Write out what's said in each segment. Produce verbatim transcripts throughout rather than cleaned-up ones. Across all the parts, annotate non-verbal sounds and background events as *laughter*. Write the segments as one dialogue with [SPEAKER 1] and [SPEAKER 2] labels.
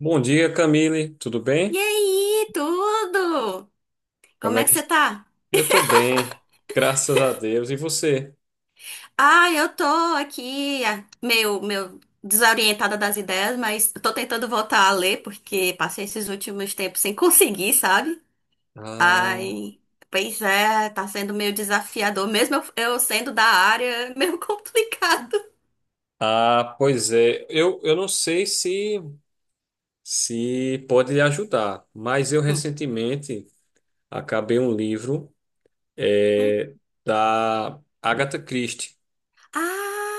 [SPEAKER 1] Bom dia, Camille. Tudo
[SPEAKER 2] E
[SPEAKER 1] bem?
[SPEAKER 2] aí, tudo?
[SPEAKER 1] Como
[SPEAKER 2] Como
[SPEAKER 1] é
[SPEAKER 2] é que
[SPEAKER 1] que...
[SPEAKER 2] você tá?
[SPEAKER 1] Eu tô bem, graças a Deus. E você?
[SPEAKER 2] Ah, eu tô aqui, ah, meio, meio desorientada das ideias, mas tô tentando voltar a ler, porque passei esses últimos tempos sem *laughs* conseguir, sabe?
[SPEAKER 1] Ah,
[SPEAKER 2] Ai, pois é, tá sendo meio desafiador, mesmo eu, eu sendo da área, é meio *laughs* complicado.
[SPEAKER 1] ah, pois é. Eu, eu não sei se, se pode lhe ajudar, mas eu
[SPEAKER 2] Hum,
[SPEAKER 1] recentemente acabei um livro
[SPEAKER 2] hum.
[SPEAKER 1] eh, da Agatha Christie.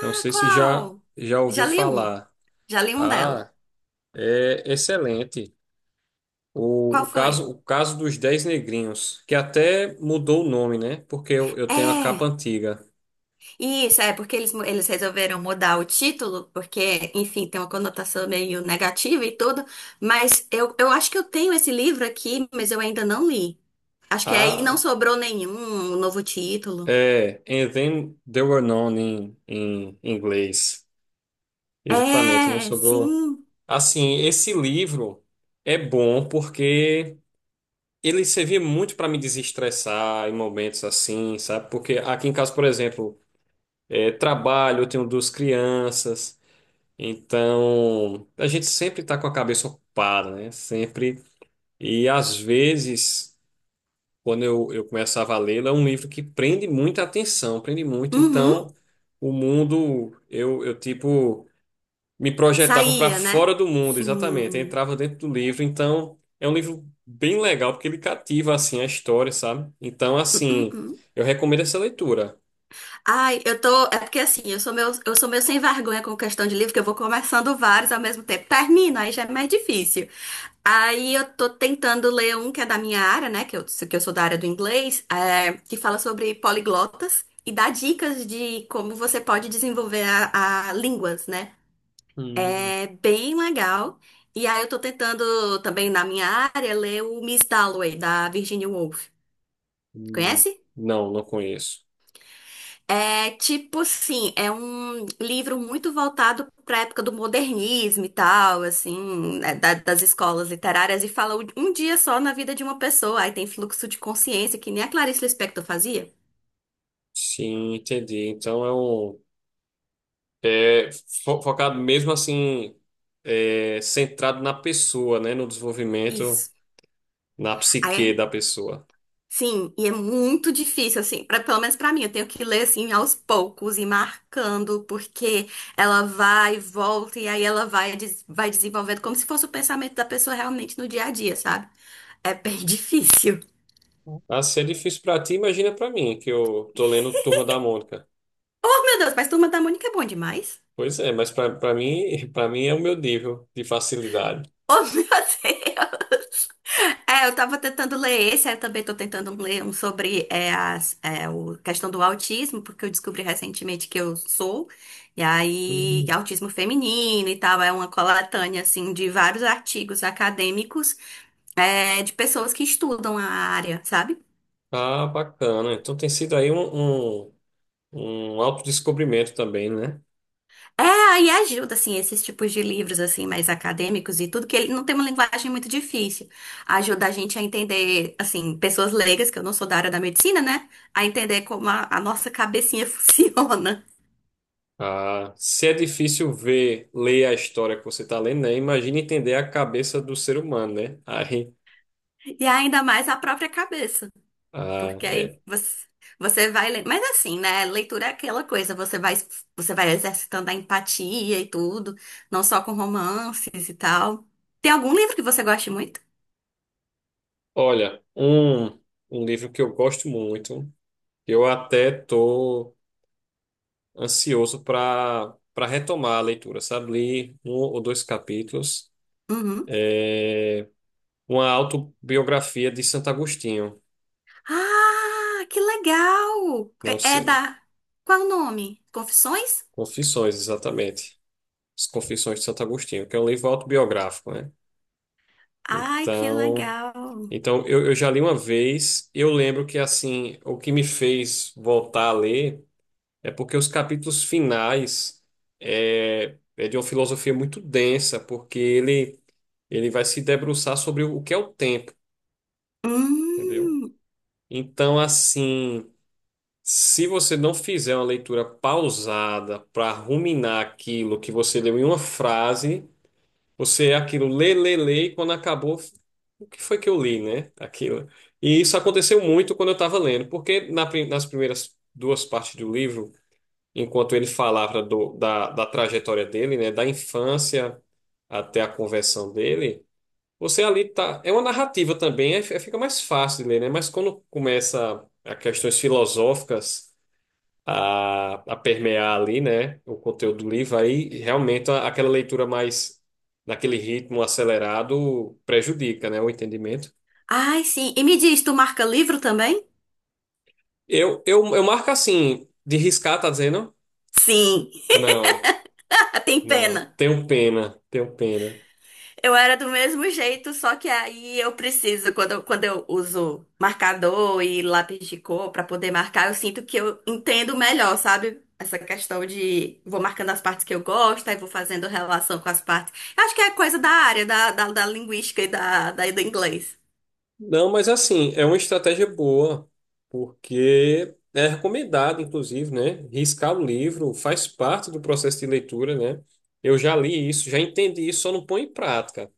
[SPEAKER 1] Não sei se já,
[SPEAKER 2] qual?
[SPEAKER 1] já ouviu
[SPEAKER 2] Já li um,
[SPEAKER 1] falar.
[SPEAKER 2] já li um dela.
[SPEAKER 1] Ah, é excelente. O, o
[SPEAKER 2] Qual foi?
[SPEAKER 1] caso, o caso dos Dez Negrinhos, que até mudou o nome, né? Porque eu, eu tenho a capa
[SPEAKER 2] É.
[SPEAKER 1] antiga.
[SPEAKER 2] Isso, é porque eles, mu- eles resolveram mudar o título, porque, enfim, tem uma conotação meio negativa e tudo, mas eu, eu acho que eu tenho esse livro aqui, mas eu ainda não li. Acho que aí não
[SPEAKER 1] Ah,
[SPEAKER 2] sobrou nenhum novo título.
[SPEAKER 1] é. And then they were known em em inglês. Exatamente, não
[SPEAKER 2] É,
[SPEAKER 1] sobrou.
[SPEAKER 2] sim.
[SPEAKER 1] Assim, esse livro é bom porque ele servia muito para me desestressar em momentos assim, sabe? Porque aqui em casa, por exemplo, é, trabalho, eu tenho duas crianças, então a gente sempre está com a cabeça ocupada, né? Sempre. E às vezes. Quando eu, eu começava a lê-lo, é um livro que prende muita atenção, prende muito.
[SPEAKER 2] Uhum.
[SPEAKER 1] Então, o mundo, eu, eu tipo, me projetava para
[SPEAKER 2] Saía, né?
[SPEAKER 1] fora do mundo, exatamente. Eu
[SPEAKER 2] Sim.
[SPEAKER 1] entrava dentro do livro. Então, é um livro bem legal, porque ele cativa, assim, a história, sabe? Então,
[SPEAKER 2] Hum, hum,
[SPEAKER 1] assim,
[SPEAKER 2] hum.
[SPEAKER 1] eu recomendo essa leitura.
[SPEAKER 2] Ai, eu tô. É porque assim, eu sou meu, eu sou meio sem vergonha com questão de livro, que eu vou começando vários ao mesmo tempo. Termino, aí já é mais difícil. Aí eu tô tentando ler um que é da minha área, né? Que eu, que eu sou da área do inglês, é, que fala sobre poliglotas e dá dicas de como você pode desenvolver a, a línguas, né?
[SPEAKER 1] Hum,
[SPEAKER 2] É bem legal. E aí eu tô tentando também na minha área ler o Miss Dalloway, da Virginia Woolf.
[SPEAKER 1] hum.
[SPEAKER 2] Conhece?
[SPEAKER 1] Não, não conheço.
[SPEAKER 2] É tipo assim, é um livro muito voltado para a época do modernismo e tal, assim, né, da- das escolas literárias, e fala um um dia só na vida de uma pessoa. Aí tem fluxo de consciência, que nem a Clarice Lispector fazia.
[SPEAKER 1] Sim, entendi. Então, é um... É fo- focado mesmo, assim, é, centrado na pessoa, né? No desenvolvimento.
[SPEAKER 2] Isso.
[SPEAKER 1] Na
[SPEAKER 2] Aí
[SPEAKER 1] psique
[SPEAKER 2] é,
[SPEAKER 1] da pessoa.
[SPEAKER 2] sim, e é muito difícil, assim, pra, pelo menos pra mim, eu tenho que ler, assim, aos poucos e marcando, porque ela vai e volta, e aí ela vai, des- vai desenvolvendo como se fosse o pensamento da pessoa realmente no dia a dia, sabe? É bem *laughs* difícil.
[SPEAKER 1] Ah, se é difícil pra ti, imagina pra mim, que eu tô lendo Turma da Mônica.
[SPEAKER 2] Oh, meu Deus, mas Turma da Mônica é bom demais.
[SPEAKER 1] Pois é, mas pra pra mim, *laughs* para mim é o meu nível de facilidade.
[SPEAKER 2] Oh, *laughs* meu Deus. É, eu tava tentando ler esse, aí eu também tô tentando ler um sobre é, as, é, o, questão do autismo, porque eu descobri recentemente que eu sou, e aí
[SPEAKER 1] Hum.
[SPEAKER 2] autismo feminino e tal, é uma coletânea, assim, de vários artigos acadêmicos, é, de pessoas que estudam a área, sabe?
[SPEAKER 1] Ah, bacana. Então tem sido aí um, um, um autodescobrimento também, né?
[SPEAKER 2] É, aí ajuda, assim, esses tipos de livros, assim, mais acadêmicos e tudo, que ele não tem uma linguagem muito difícil. Ajuda a gente a entender, assim, pessoas leigas, que eu não sou da área da medicina, né? A entender como a, a nossa cabecinha *laughs* funciona.
[SPEAKER 1] Ah, se é difícil ver, ler a história que você está lendo, né? Imagina entender a cabeça do ser humano, né? Aí,
[SPEAKER 2] E ainda mais a própria cabeça.
[SPEAKER 1] ah,
[SPEAKER 2] Porque aí
[SPEAKER 1] é.
[SPEAKER 2] você, você vai lendo. Mas assim, né? Leitura é aquela coisa, você vai, você vai exercitando a empatia e tudo, não só com romances e tal. Tem algum livro que você goste muito?
[SPEAKER 1] Olha, um, um livro que eu gosto muito, eu até tô ansioso para para retomar a leitura, sabe? Li um ou dois capítulos,
[SPEAKER 2] Uhum.
[SPEAKER 1] uma autobiografia de Santo Agostinho,
[SPEAKER 2] Ah, que legal!
[SPEAKER 1] não
[SPEAKER 2] É, é
[SPEAKER 1] sei,
[SPEAKER 2] da. Qual o nome? Confissões?
[SPEAKER 1] Confissões, exatamente. As Confissões de Santo Agostinho, que é um livro autobiográfico, né?
[SPEAKER 2] Ai, que
[SPEAKER 1] Então,
[SPEAKER 2] legal!
[SPEAKER 1] então eu, eu já li uma vez, eu lembro que assim, o que me fez voltar a ler é porque os capítulos finais é, é de uma filosofia muito densa, porque ele ele vai se debruçar sobre o que é o tempo, entendeu?
[SPEAKER 2] Hum.
[SPEAKER 1] Então, assim, se você não fizer uma leitura pausada para ruminar aquilo que você leu em uma frase, você é aquilo lê, lê, lê, e quando acabou, o que foi que eu li, né? Aquilo. E isso aconteceu muito quando eu estava lendo, porque na prim- nas primeiras duas partes do livro, enquanto ele falava do- da, da trajetória dele, né, da infância até a conversão dele. Você ali tá. É uma narrativa também, é, é, fica mais fácil de ler, né? Mas quando começa a questões filosóficas a, a permear ali, né? O conteúdo do livro, aí realmente a- aquela leitura mais naquele ritmo acelerado prejudica, né? O entendimento.
[SPEAKER 2] Ai, sim. E me diz, tu marca livro também?
[SPEAKER 1] Eu, eu, eu marco assim, de riscar, tá dizendo?
[SPEAKER 2] Sim.
[SPEAKER 1] Não,
[SPEAKER 2] *laughs* Tem
[SPEAKER 1] não.
[SPEAKER 2] pena.
[SPEAKER 1] Tenho pena, tenho pena.
[SPEAKER 2] Eu era do mesmo jeito, só que aí eu preciso, quando, eu- quando eu uso marcador e lápis de cor pra poder marcar, eu sinto que eu entendo melhor, sabe? Essa questão de vou marcando as partes que eu gosto, aí vou fazendo relação com as partes. Eu acho que é coisa da área, da, da, da linguística e da, da, do inglês.
[SPEAKER 1] Não, mas assim, é uma estratégia boa, porque é recomendado, inclusive, né? Riscar o livro faz parte do processo de leitura, né? Eu já li isso, já entendi isso, só não põe em prática.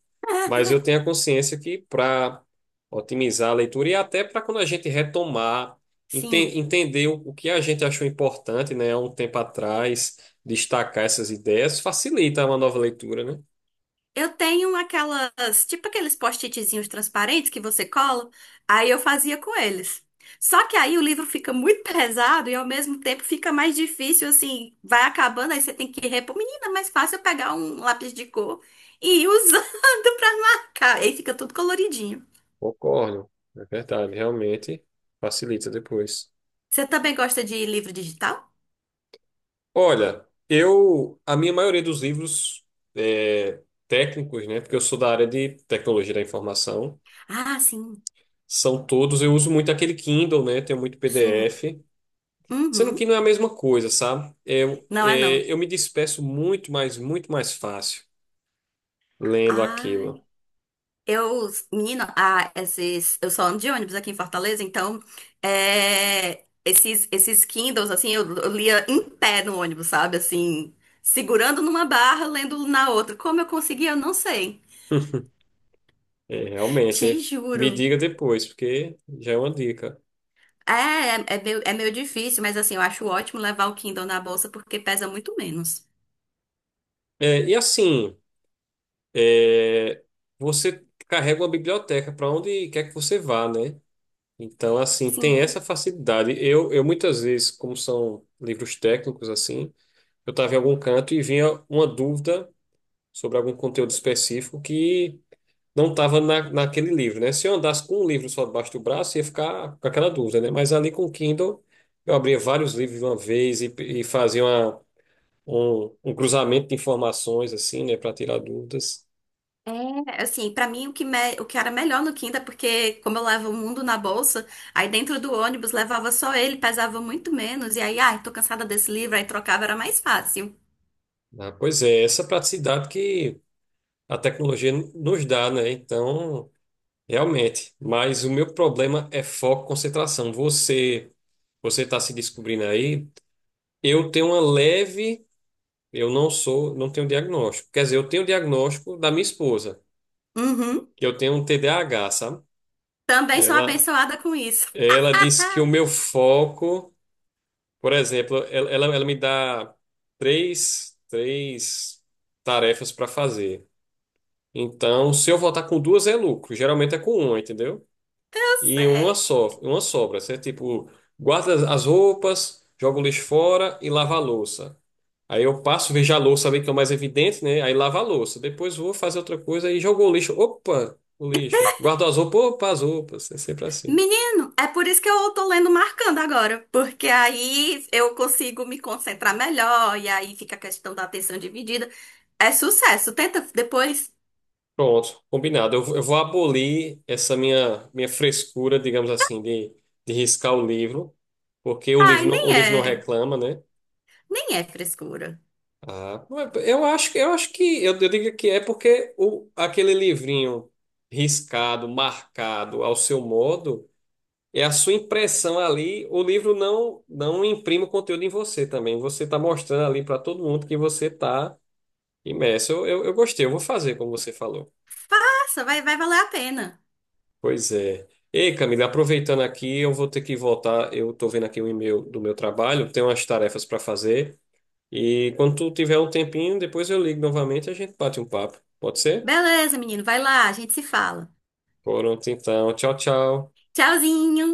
[SPEAKER 1] Mas eu tenho a consciência que para otimizar a leitura e até para quando a gente retomar,
[SPEAKER 2] Sim.
[SPEAKER 1] enten- entender o o que a gente achou importante, né, há um tempo atrás, destacar essas ideias, facilita uma nova leitura, né?
[SPEAKER 2] Eu tenho aquelas, tipo aqueles post-itzinhos transparentes que você cola, aí eu fazia com eles. Só que aí o livro fica muito *laughs* pesado e ao mesmo tempo fica mais difícil, assim, vai acabando, aí você tem que repor. Menina, é mais fácil eu pegar um lápis de cor e ir usando *laughs* pra marcar. Aí fica tudo coloridinho.
[SPEAKER 1] Concordo, é verdade, realmente facilita depois.
[SPEAKER 2] Você também gosta de livro digital?
[SPEAKER 1] Olha, eu, a minha maioria dos livros é, técnicos, né, porque eu sou da área de tecnologia da informação,
[SPEAKER 2] Ah, sim,
[SPEAKER 1] são todos, eu uso muito aquele Kindle, né, tenho muito
[SPEAKER 2] sim.
[SPEAKER 1] P D F, sendo que
[SPEAKER 2] Uhum.
[SPEAKER 1] não é a mesma coisa, sabe? Eu,
[SPEAKER 2] Não é não.
[SPEAKER 1] é, eu me disperso muito mais, muito mais fácil lendo
[SPEAKER 2] Ah.
[SPEAKER 1] aquilo.
[SPEAKER 2] Eu, menina, ah, esses, eu só ando de ônibus aqui em Fortaleza, então é, esses, esses Kindles, assim, eu, eu lia em pé no ônibus, sabe? Assim, segurando numa barra, lendo na outra. Como eu conseguia, eu não sei.
[SPEAKER 1] *laughs* É,
[SPEAKER 2] Te
[SPEAKER 1] realmente, me
[SPEAKER 2] juro.
[SPEAKER 1] diga depois, porque já é uma dica.
[SPEAKER 2] É, é, é meio, é meio difícil, mas assim, eu acho ótimo levar o Kindle na bolsa porque pesa muito menos.
[SPEAKER 1] É, e assim, é, você carrega uma biblioteca para onde quer que você vá, né? Então, assim, tem
[SPEAKER 2] Sim.
[SPEAKER 1] essa facilidade. Eu, eu muitas vezes, como são livros técnicos, assim, eu estava em algum canto e vinha uma dúvida sobre algum conteúdo específico que não estava na, naquele livro, né? Se eu andasse com um livro só debaixo do braço, ia ficar com aquela dúvida, né? Mas ali com o Kindle, eu abria vários livros de uma vez e, e fazia uma, um, um cruzamento de informações, assim, né, para tirar dúvidas.
[SPEAKER 2] É, assim, pra mim o que, me- o que era melhor no Kindle é porque, como eu levo o mundo na bolsa, aí dentro do ônibus levava só ele, pesava muito menos, e aí, ai, tô cansada desse livro, aí trocava, era mais fácil.
[SPEAKER 1] Ah, pois é, essa praticidade que a tecnologia nos dá, né? Então. Realmente, mas o meu problema é foco, concentração. Você, você está se descobrindo aí. Eu tenho uma leve, eu não sou, não tenho diagnóstico. Quer dizer, eu tenho o diagnóstico da minha esposa,
[SPEAKER 2] Uhum.
[SPEAKER 1] que eu tenho um T D A H, sabe?
[SPEAKER 2] Também sou
[SPEAKER 1] Ela,
[SPEAKER 2] abençoada com isso. *laughs*
[SPEAKER 1] ela disse que o meu foco, por exemplo, ela, ela, ela me dá três, três tarefas para fazer. Então, se eu voltar com duas é lucro. Geralmente é com uma, entendeu?
[SPEAKER 2] Eu
[SPEAKER 1] E uma
[SPEAKER 2] sei.
[SPEAKER 1] só, uma sobra. Você, tipo, guarda as as roupas, joga o lixo fora e lava a louça. Aí eu passo, vejo a louça ali que é o mais evidente, né? Aí lavo a louça. Depois vou fazer outra coisa e jogo o lixo. Opa, o lixo. Guardo as roupas, opa, as roupas. É sempre assim.
[SPEAKER 2] Menino, é por isso que eu tô lendo marcando agora, porque aí eu consigo me concentrar melhor, e aí fica a questão da atenção dividida. É sucesso, tenta depois.
[SPEAKER 1] Pronto, combinado. Eu, vou- eu vou abolir essa minha, minha frescura, digamos assim, de, de riscar o livro, porque o
[SPEAKER 2] Ai,
[SPEAKER 1] livro não, o
[SPEAKER 2] nem
[SPEAKER 1] livro não
[SPEAKER 2] é,
[SPEAKER 1] reclama, né?
[SPEAKER 2] nem é frescura.
[SPEAKER 1] Ah, não é- eu acho, que- eu acho que eu, eu digo que é porque o, aquele livrinho riscado, marcado ao seu modo, é a sua impressão ali. O livro não não imprime o conteúdo em você também. Você está mostrando ali para todo mundo que você está imerso. Eu, eu, eu gostei, eu vou fazer como você falou.
[SPEAKER 2] Faça, vai, vai valer a pena.
[SPEAKER 1] Pois é. Ei, Camila, aproveitando aqui, eu vou ter que voltar. Eu estou vendo aqui o e-mail do meu trabalho, tenho umas tarefas para fazer. E quando tu tiver um tempinho, depois eu ligo novamente e a gente bate um papo. Pode ser?
[SPEAKER 2] Beleza, menino, vai lá, a gente se fala.
[SPEAKER 1] Por Pronto, então. Tchau, tchau.
[SPEAKER 2] Tchauzinho!